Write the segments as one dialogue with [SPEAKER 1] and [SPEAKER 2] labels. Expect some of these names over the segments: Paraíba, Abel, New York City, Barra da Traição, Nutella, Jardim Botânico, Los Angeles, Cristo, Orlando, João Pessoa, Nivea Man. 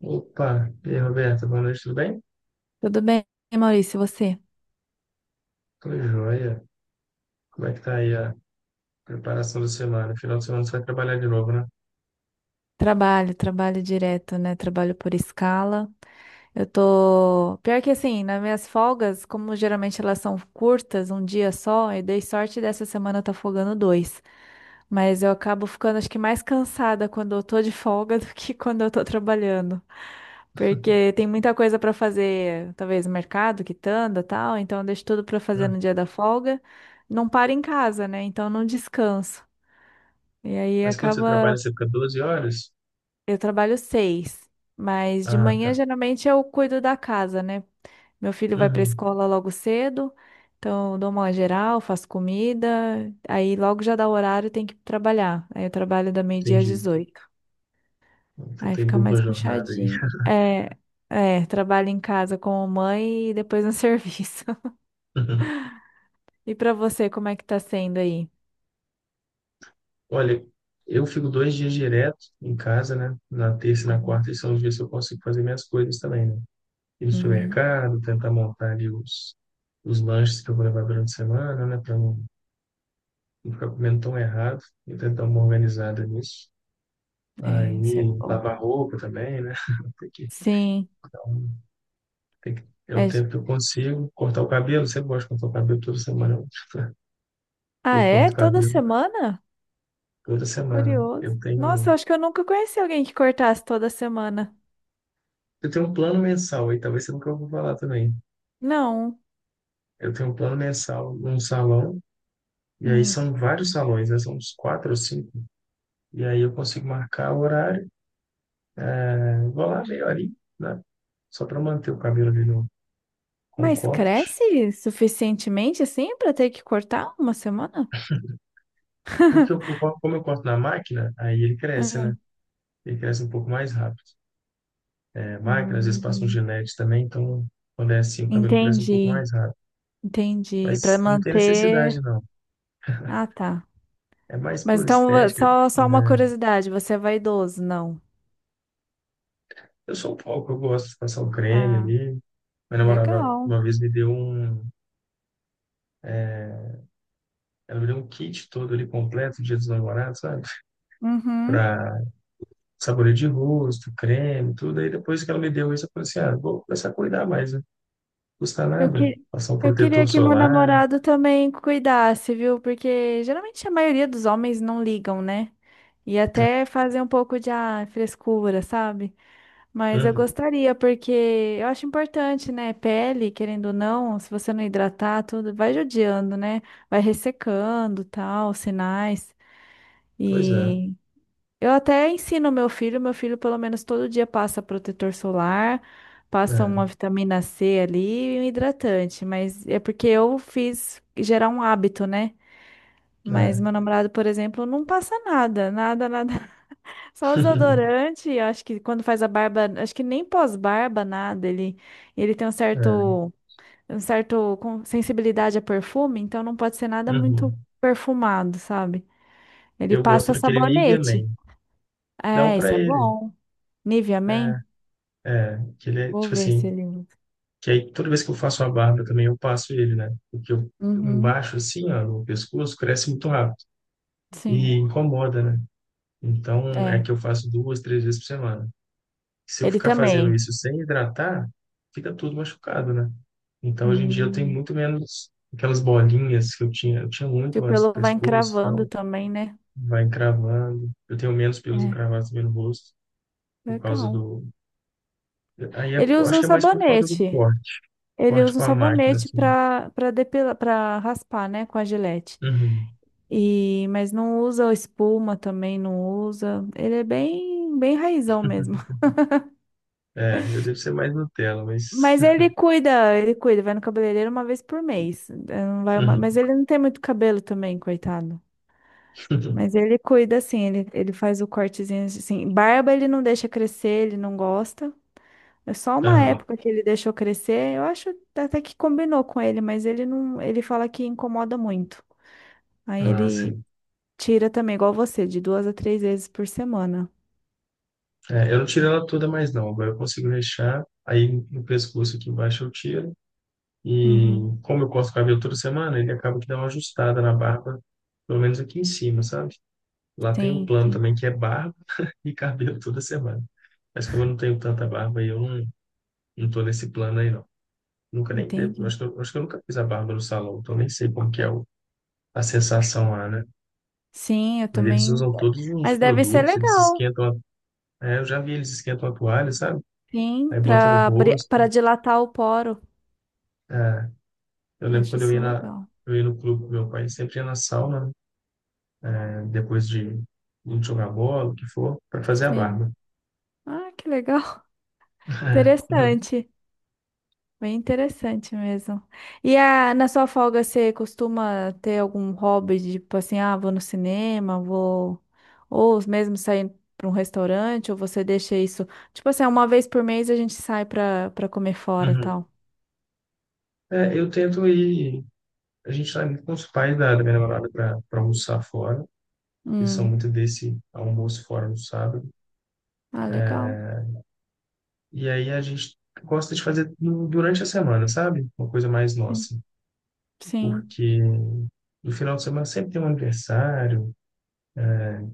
[SPEAKER 1] Opa, e aí, Roberto, boa noite, tudo bem?
[SPEAKER 2] Tudo bem, Maurício, e você?
[SPEAKER 1] Tudo jóia. Como é que tá aí a preparação da semana? Final de semana você vai trabalhar de novo, né?
[SPEAKER 2] Trabalho, trabalho direto, né? Trabalho por escala. Eu tô. Pior que assim, nas minhas folgas, como geralmente elas são curtas, um dia só, eu dei sorte dessa semana eu tá folgando dois. Mas eu acabo ficando, acho que, mais cansada quando eu tô de folga do que quando eu tô trabalhando. Porque tem muita coisa pra fazer, talvez mercado, quitanda, tal, então eu deixo tudo pra fazer
[SPEAKER 1] Hum.
[SPEAKER 2] no dia da folga. Não paro em casa, né? Então não descanso. E aí
[SPEAKER 1] Mas quando você trabalha,
[SPEAKER 2] acaba.
[SPEAKER 1] você fica 12 horas?
[SPEAKER 2] Eu trabalho seis, mas de
[SPEAKER 1] Ah, tá.
[SPEAKER 2] manhã geralmente eu cuido da casa, né? Meu filho vai para a
[SPEAKER 1] Uhum,
[SPEAKER 2] escola logo cedo, então eu dou uma geral, faço comida, aí logo já dá o horário tem que trabalhar. Aí eu trabalho da meio-dia às
[SPEAKER 1] entendi.
[SPEAKER 2] 18h.
[SPEAKER 1] Então
[SPEAKER 2] Aí
[SPEAKER 1] tem
[SPEAKER 2] fica
[SPEAKER 1] dupla
[SPEAKER 2] mais
[SPEAKER 1] jornada aí.
[SPEAKER 2] puxadinho. É, é, trabalho em casa como mãe e depois no serviço. E para você, como é que tá sendo aí?
[SPEAKER 1] Olha, eu fico 2 dias direto em casa, né? Na terça e na
[SPEAKER 2] Uhum.
[SPEAKER 1] quarta, e são os dias que eu consigo fazer minhas coisas também, né? Ir no
[SPEAKER 2] Uhum.
[SPEAKER 1] supermercado, tentar montar ali os lanches que eu vou levar durante a semana, né? Para não não ficar comendo tão errado e tentar dar uma organizada nisso.
[SPEAKER 2] É,
[SPEAKER 1] Aí
[SPEAKER 2] isso é bom.
[SPEAKER 1] lavar roupa também, né? Tem que,
[SPEAKER 2] Sim.
[SPEAKER 1] então, tem que, é o
[SPEAKER 2] É...
[SPEAKER 1] tempo que eu consigo cortar o cabelo. Eu sempre gosto de cortar o cabelo toda semana.
[SPEAKER 2] Ah,
[SPEAKER 1] Eu
[SPEAKER 2] é?
[SPEAKER 1] corto o
[SPEAKER 2] Toda
[SPEAKER 1] cabelo
[SPEAKER 2] semana?
[SPEAKER 1] toda semana.
[SPEAKER 2] Curioso.
[SPEAKER 1] Eu
[SPEAKER 2] Nossa,
[SPEAKER 1] tenho,
[SPEAKER 2] eu acho que eu nunca conheci alguém que cortasse toda semana.
[SPEAKER 1] eu tenho um plano mensal, aí talvez seja o que eu vou falar também.
[SPEAKER 2] Não.
[SPEAKER 1] Eu tenho um plano mensal num salão, e aí
[SPEAKER 2] Hum.
[SPEAKER 1] são vários salões, né? São uns quatro ou cinco. E aí eu consigo marcar o horário, é, vou lá meia horinha, né? Só para manter o cabelo ali no, com
[SPEAKER 2] Mas
[SPEAKER 1] corte.
[SPEAKER 2] cresce suficientemente assim pra ter que cortar uma semana?
[SPEAKER 1] Porque como eu corto na máquina, aí ele cresce, né? Ele cresce um pouco mais rápido. É, máquina, às vezes passa um
[SPEAKER 2] Hum,
[SPEAKER 1] gilete também, então quando é assim, o cabelo cresce um pouco
[SPEAKER 2] entendi,
[SPEAKER 1] mais rápido.
[SPEAKER 2] entendi. Pra
[SPEAKER 1] Mas não tem necessidade,
[SPEAKER 2] manter.
[SPEAKER 1] não.
[SPEAKER 2] Ah, tá.
[SPEAKER 1] É mais
[SPEAKER 2] Mas
[SPEAKER 1] por
[SPEAKER 2] então, vo-
[SPEAKER 1] estética,
[SPEAKER 2] só, só uma
[SPEAKER 1] né?
[SPEAKER 2] curiosidade: você é vaidoso? Não.
[SPEAKER 1] Eu sou um pouco, eu gosto de passar o creme
[SPEAKER 2] Ah,
[SPEAKER 1] ali. Minha namorada
[SPEAKER 2] legal.
[SPEAKER 1] uma vez ela me deu um kit todo ali completo, Dia dos Namorados, sabe?
[SPEAKER 2] Uhum.
[SPEAKER 1] Pra sabonete de rosto, creme, tudo. Aí depois que ela me deu isso, eu falei assim, ah, vou começar a cuidar mais, né? Não custa
[SPEAKER 2] Eu,
[SPEAKER 1] nada.
[SPEAKER 2] que...
[SPEAKER 1] Passar um
[SPEAKER 2] eu queria
[SPEAKER 1] protetor
[SPEAKER 2] que meu
[SPEAKER 1] solar.
[SPEAKER 2] namorado também cuidasse, viu? Porque geralmente a maioria dos homens não ligam, né? E até fazer um pouco de frescura, sabe? Mas eu
[SPEAKER 1] Uhum.
[SPEAKER 2] gostaria, porque eu acho importante, né? Pele, querendo ou não, se você não hidratar, tudo vai judiando, né? Vai ressecando, tal, sinais.
[SPEAKER 1] Pois é.
[SPEAKER 2] E eu até ensino meu filho pelo menos todo dia passa protetor solar, passa
[SPEAKER 1] É,
[SPEAKER 2] uma vitamina C ali e um hidratante. Mas é porque eu fiz gerar um hábito, né? Mas
[SPEAKER 1] é.
[SPEAKER 2] meu namorado, por exemplo, não passa nada, nada, nada, só o desodorante, eu acho que quando faz a barba, acho que nem pós-barba, nada, ele, ele tem um
[SPEAKER 1] É.
[SPEAKER 2] certo, um certo com- sensibilidade a perfume, então não pode ser nada muito
[SPEAKER 1] Uhum.
[SPEAKER 2] perfumado, sabe? Ele
[SPEAKER 1] Eu gosto
[SPEAKER 2] passa
[SPEAKER 1] daquele Nivea
[SPEAKER 2] sabonete.
[SPEAKER 1] Man. Dá um
[SPEAKER 2] É,
[SPEAKER 1] pra
[SPEAKER 2] isso é
[SPEAKER 1] ele.
[SPEAKER 2] bom. Nivea Man?
[SPEAKER 1] É, é. Que ele é,
[SPEAKER 2] Vou
[SPEAKER 1] tipo
[SPEAKER 2] ver se
[SPEAKER 1] assim,
[SPEAKER 2] ele usa.
[SPEAKER 1] que aí toda vez que eu faço a barba também eu passo ele, né? Porque eu,
[SPEAKER 2] Uhum,
[SPEAKER 1] embaixo, assim, ó, no pescoço, cresce muito rápido. E
[SPEAKER 2] sim,
[SPEAKER 1] incomoda, né? Então, é
[SPEAKER 2] é.
[SPEAKER 1] que eu faço duas, três vezes por semana. Se eu
[SPEAKER 2] Ele
[SPEAKER 1] ficar fazendo
[SPEAKER 2] também.
[SPEAKER 1] isso sem hidratar, fica tudo machucado, né? Então, hoje em dia eu tenho
[SPEAKER 2] Hum,
[SPEAKER 1] muito menos aquelas bolinhas que eu tinha. Eu tinha
[SPEAKER 2] que
[SPEAKER 1] muito
[SPEAKER 2] o
[SPEAKER 1] antes do
[SPEAKER 2] pelo vai
[SPEAKER 1] pescoço e
[SPEAKER 2] encravando
[SPEAKER 1] tal.
[SPEAKER 2] também, né?
[SPEAKER 1] Vai encravando. Eu tenho menos pelos
[SPEAKER 2] É,
[SPEAKER 1] encravados também no rosto por causa
[SPEAKER 2] legal.
[SPEAKER 1] do Aí
[SPEAKER 2] Ele
[SPEAKER 1] eu
[SPEAKER 2] usa
[SPEAKER 1] acho
[SPEAKER 2] um
[SPEAKER 1] que é mais por causa do
[SPEAKER 2] sabonete.
[SPEAKER 1] corte.
[SPEAKER 2] Ele
[SPEAKER 1] Corte
[SPEAKER 2] usa um
[SPEAKER 1] com a máquina,
[SPEAKER 2] sabonete
[SPEAKER 1] assim.
[SPEAKER 2] para depilar, para raspar, né, com a gilete.
[SPEAKER 1] Uhum.
[SPEAKER 2] E mas não usa espuma também, não usa. Ele é bem bem raizão mesmo.
[SPEAKER 1] É, eu devo ser mais Nutella, mas.
[SPEAKER 2] Mas ele cuida, vai no cabeleireiro uma vez por mês. Não vai uma... Mas
[SPEAKER 1] Uhum.
[SPEAKER 2] ele não tem muito cabelo também, coitado. Mas ele cuida assim, ele faz o cortezinho assim. Barba ele não deixa crescer, ele não gosta. É só uma
[SPEAKER 1] Aham.
[SPEAKER 2] época que ele deixou crescer. Eu acho até que combinou com ele, mas ele não, ele fala que incomoda muito. Aí
[SPEAKER 1] Ah,
[SPEAKER 2] ele
[SPEAKER 1] sim.
[SPEAKER 2] tira também, igual você, de duas a três vezes por semana.
[SPEAKER 1] É, eu não tiro ela toda mais, não. Agora eu consigo deixar. Aí no pescoço aqui embaixo eu tiro. E
[SPEAKER 2] Uhum.
[SPEAKER 1] como eu corto o cabelo toda semana, ele acaba que dá uma ajustada na barba, pelo menos aqui em cima, sabe? Lá tem um
[SPEAKER 2] Sim,
[SPEAKER 1] plano
[SPEAKER 2] sim,
[SPEAKER 1] também que é barba e cabelo toda semana. Mas como eu não tenho tanta barba, aí eu não, não tô nesse plano aí, não. Nunca nem devo.
[SPEAKER 2] entendi.
[SPEAKER 1] Acho que eu nunca fiz a barba no salão, então nem sei como que é a sensação lá, né?
[SPEAKER 2] Sim, eu
[SPEAKER 1] Mas eles
[SPEAKER 2] também.
[SPEAKER 1] usam todos os
[SPEAKER 2] Mas deve ser
[SPEAKER 1] produtos, eles
[SPEAKER 2] legal,
[SPEAKER 1] esquentam. A, é, eu já vi eles esquentam a toalha, sabe?
[SPEAKER 2] sim,
[SPEAKER 1] Aí bota no
[SPEAKER 2] para
[SPEAKER 1] rosto.
[SPEAKER 2] para dilatar o poro.
[SPEAKER 1] É, eu
[SPEAKER 2] Eu
[SPEAKER 1] lembro
[SPEAKER 2] acho
[SPEAKER 1] quando eu
[SPEAKER 2] isso
[SPEAKER 1] ia, na,
[SPEAKER 2] legal.
[SPEAKER 1] eu ia no clube com meu pai, ele sempre ia na sauna, né? É, depois de jogar bola, o que for, para fazer a
[SPEAKER 2] Sim.
[SPEAKER 1] barba.
[SPEAKER 2] Ah, que legal. Interessante. Bem interessante mesmo. Na sua folga você costuma ter algum hobby, de, tipo assim, ah, vou no cinema, vou. Ou mesmo sair para um restaurante, ou você deixa isso. Tipo assim, uma vez por mês a gente sai para comer
[SPEAKER 1] É,
[SPEAKER 2] fora e
[SPEAKER 1] uhum.
[SPEAKER 2] tal.
[SPEAKER 1] É, eu tento ir. A gente tá indo com os pais da minha namorada para almoçar fora. Eles são
[SPEAKER 2] Hum.
[SPEAKER 1] muito desse almoço fora no sábado.
[SPEAKER 2] Ah, legal.
[SPEAKER 1] E aí a gente gosta de fazer durante a semana, sabe? Uma coisa mais
[SPEAKER 2] Sim.
[SPEAKER 1] nossa.
[SPEAKER 2] Sim.
[SPEAKER 1] Porque no final de semana sempre tem um aniversário,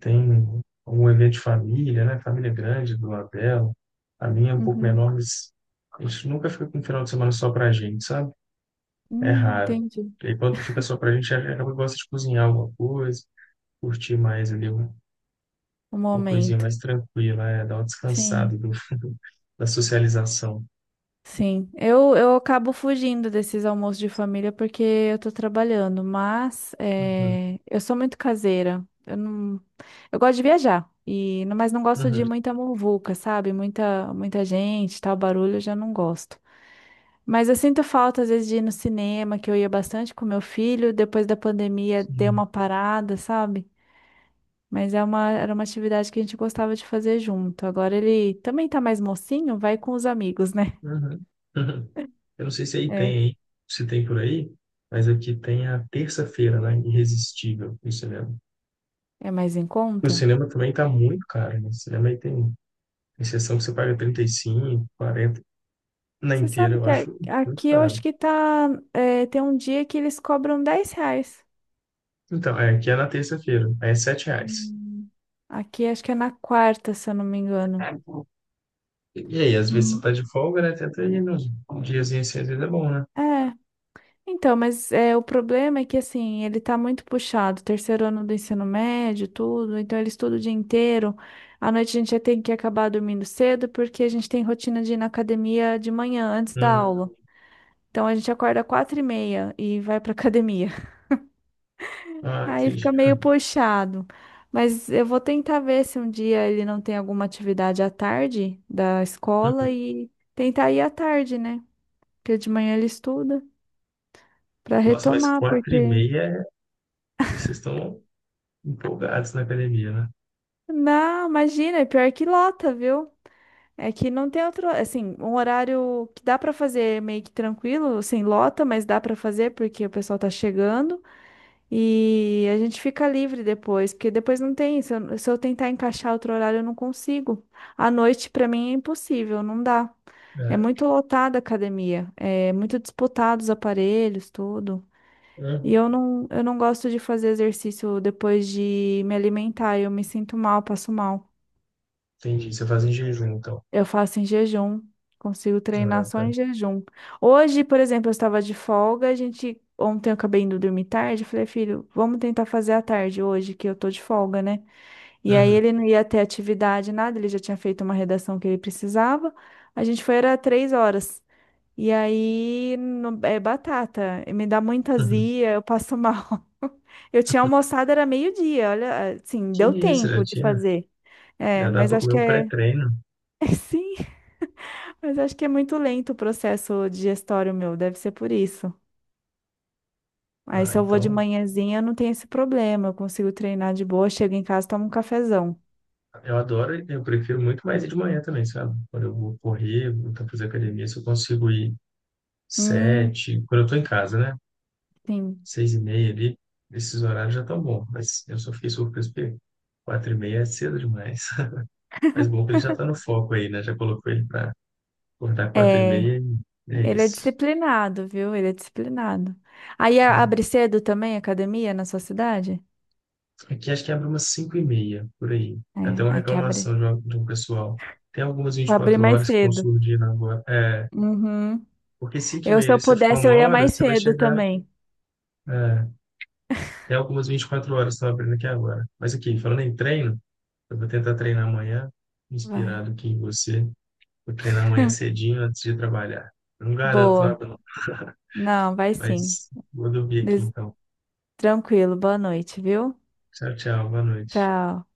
[SPEAKER 1] tem um evento de família, né? Família grande do Abel. A minha é um pouco
[SPEAKER 2] Uhum.
[SPEAKER 1] menor, mas a gente nunca fica com um final de semana só pra gente, sabe? É raro.
[SPEAKER 2] Entendi.
[SPEAKER 1] E aí quando fica só pra gente, a gente gosta de cozinhar alguma coisa, curtir mais ali uma,
[SPEAKER 2] O
[SPEAKER 1] uma coisinha
[SPEAKER 2] momento.
[SPEAKER 1] mais tranquila, é, dar uma descansada
[SPEAKER 2] Sim.
[SPEAKER 1] da socialização.
[SPEAKER 2] Sim, eu acabo fugindo desses almoços de família porque eu tô trabalhando, mas
[SPEAKER 1] Uhum,
[SPEAKER 2] eu sou muito caseira. Eu não, eu gosto de viajar e mas não gosto de
[SPEAKER 1] uhum.
[SPEAKER 2] muita muvuca, sabe? Muita muita gente, tal barulho, eu já não gosto. Mas eu sinto falta às vezes de ir no cinema, que eu ia bastante com meu filho, depois da pandemia deu
[SPEAKER 1] Sim.
[SPEAKER 2] uma parada, sabe? Mas era uma atividade que a gente gostava de fazer junto. Agora ele também tá mais mocinho, vai com os amigos, né?
[SPEAKER 1] Uhum. Eu não sei se aí
[SPEAKER 2] É,
[SPEAKER 1] tem, hein? Se tem por aí, mas aqui tem a terça-feira, né? Irresistível no cinema.
[SPEAKER 2] é mais em
[SPEAKER 1] O
[SPEAKER 2] conta.
[SPEAKER 1] cinema também tá muito caro, né? O cinema aí tem sessão que você paga 35, 40 na
[SPEAKER 2] Você
[SPEAKER 1] inteira,
[SPEAKER 2] sabe
[SPEAKER 1] eu
[SPEAKER 2] que
[SPEAKER 1] acho muito
[SPEAKER 2] aqui eu
[SPEAKER 1] caro.
[SPEAKER 2] acho que tá. É, tem um dia que eles cobram R$ 10.
[SPEAKER 1] Então, é, aqui é na terça-feira, aí é 7 reais.
[SPEAKER 2] Hum, Aqui acho que é na quarta, se eu não me engano.
[SPEAKER 1] E aí, às vezes você tá
[SPEAKER 2] Hum.
[SPEAKER 1] de folga, né? Tenta ir nos diazinhos assim, às vezes é bom, né?
[SPEAKER 2] É. Então, mas é, o problema é que assim, ele tá muito puxado, terceiro ano do ensino médio, tudo, então ele estuda o dia inteiro. À noite a gente já tem que acabar dormindo cedo, porque a gente tem rotina de ir na academia de manhã, antes da
[SPEAKER 1] Hum,
[SPEAKER 2] aula. Então a gente acorda 4h30 e vai pra academia.
[SPEAKER 1] ah,
[SPEAKER 2] Aí
[SPEAKER 1] entendi.
[SPEAKER 2] fica meio puxado. Mas eu vou tentar ver se um dia ele não tem alguma atividade à tarde da escola
[SPEAKER 1] Uhum.
[SPEAKER 2] e tentar ir à tarde, né? Porque de manhã ele estuda para
[SPEAKER 1] Nossa, mas
[SPEAKER 2] retomar,
[SPEAKER 1] quatro e
[SPEAKER 2] porque
[SPEAKER 1] meia, vocês estão empolgados na academia,
[SPEAKER 2] não, imagina, é pior que lota, viu? É que não tem outro, assim, um horário que dá para fazer meio que tranquilo, sem lota, mas dá para fazer porque o pessoal tá chegando. E a gente fica livre depois, porque depois não tem. Se eu tentar encaixar outro horário, eu não consigo. À noite, para mim, é impossível, não dá. É
[SPEAKER 1] né?
[SPEAKER 2] muito lotada a academia, é muito disputado os aparelhos, tudo. E
[SPEAKER 1] Uhum.
[SPEAKER 2] eu não gosto de fazer exercício depois de me alimentar, eu me sinto mal, passo mal.
[SPEAKER 1] Entendi, você faz em jejum, então.
[SPEAKER 2] Eu faço em jejum, consigo treinar
[SPEAKER 1] Ah,
[SPEAKER 2] só
[SPEAKER 1] tá.
[SPEAKER 2] em jejum. Hoje, por exemplo, eu estava de folga, a gente ontem eu acabei indo dormir tarde, eu falei, filho, vamos tentar fazer à tarde hoje, que eu tô de folga, né? E aí ele
[SPEAKER 1] Uhum.
[SPEAKER 2] não ia ter atividade, nada, ele já tinha feito uma redação que ele precisava. A gente foi, era 3 horas. E aí é batata, me dá muita
[SPEAKER 1] Uhum.
[SPEAKER 2] azia, eu passo mal. Eu tinha almoçado, era meio-dia, olha, assim,
[SPEAKER 1] Que
[SPEAKER 2] deu
[SPEAKER 1] isso,
[SPEAKER 2] tempo de fazer. É,
[SPEAKER 1] já dá
[SPEAKER 2] mas
[SPEAKER 1] pra
[SPEAKER 2] acho
[SPEAKER 1] comer
[SPEAKER 2] que
[SPEAKER 1] o
[SPEAKER 2] é.
[SPEAKER 1] pré-treino.
[SPEAKER 2] É sim. Mas acho que é muito lento o processo digestório meu, deve ser por isso. Aí
[SPEAKER 1] Ah,
[SPEAKER 2] se eu vou de
[SPEAKER 1] então,
[SPEAKER 2] manhãzinha, eu não tenho esse problema, eu consigo treinar de boa, chego em casa, tomo um cafezão.
[SPEAKER 1] eu adoro, e eu prefiro muito mais ir de manhã também, sabe? Quando eu vou correr, vou tentar fazer academia, se eu consigo ir
[SPEAKER 2] Hum,
[SPEAKER 1] sete, quando eu tô em casa, né?
[SPEAKER 2] sim.
[SPEAKER 1] 6h30 ali, esses horários já estão bons, mas eu só fiquei surpreso porque 4h30 é cedo demais. Mas bom que ele já tá no foco aí, né? Já colocou ele pra acordar quatro e
[SPEAKER 2] É,
[SPEAKER 1] meia e é
[SPEAKER 2] ele é
[SPEAKER 1] isso.
[SPEAKER 2] disciplinado, viu? Ele é disciplinado. Aí abre cedo também, a academia, na sua cidade?
[SPEAKER 1] Aqui acho que abre umas 5h30, por aí.
[SPEAKER 2] É,
[SPEAKER 1] É. Até uma
[SPEAKER 2] aqui abre.
[SPEAKER 1] reclamação de um pessoal. Tem algumas vinte e
[SPEAKER 2] Abre
[SPEAKER 1] quatro
[SPEAKER 2] mais
[SPEAKER 1] horas que estão
[SPEAKER 2] cedo.
[SPEAKER 1] surgindo agora. É,
[SPEAKER 2] Uhum.
[SPEAKER 1] porque 5 e
[SPEAKER 2] Eu,
[SPEAKER 1] meia,
[SPEAKER 2] se eu
[SPEAKER 1] ali, se você ficar
[SPEAKER 2] pudesse, eu
[SPEAKER 1] uma
[SPEAKER 2] ia
[SPEAKER 1] hora,
[SPEAKER 2] mais
[SPEAKER 1] você vai
[SPEAKER 2] cedo
[SPEAKER 1] chegar.
[SPEAKER 2] também.
[SPEAKER 1] É, tem algumas 24 horas que estão abrindo aqui agora. Mas aqui, falando em treino, eu vou tentar treinar amanhã,
[SPEAKER 2] Vai.
[SPEAKER 1] inspirado aqui em você. Vou treinar amanhã cedinho antes de trabalhar. Eu não garanto
[SPEAKER 2] Boa.
[SPEAKER 1] nada, não.
[SPEAKER 2] Não, vai sim.
[SPEAKER 1] Mas vou dormir aqui
[SPEAKER 2] Des-
[SPEAKER 1] então.
[SPEAKER 2] Tranquilo, boa noite, viu?
[SPEAKER 1] Tchau, tchau. Boa noite.
[SPEAKER 2] Tchau.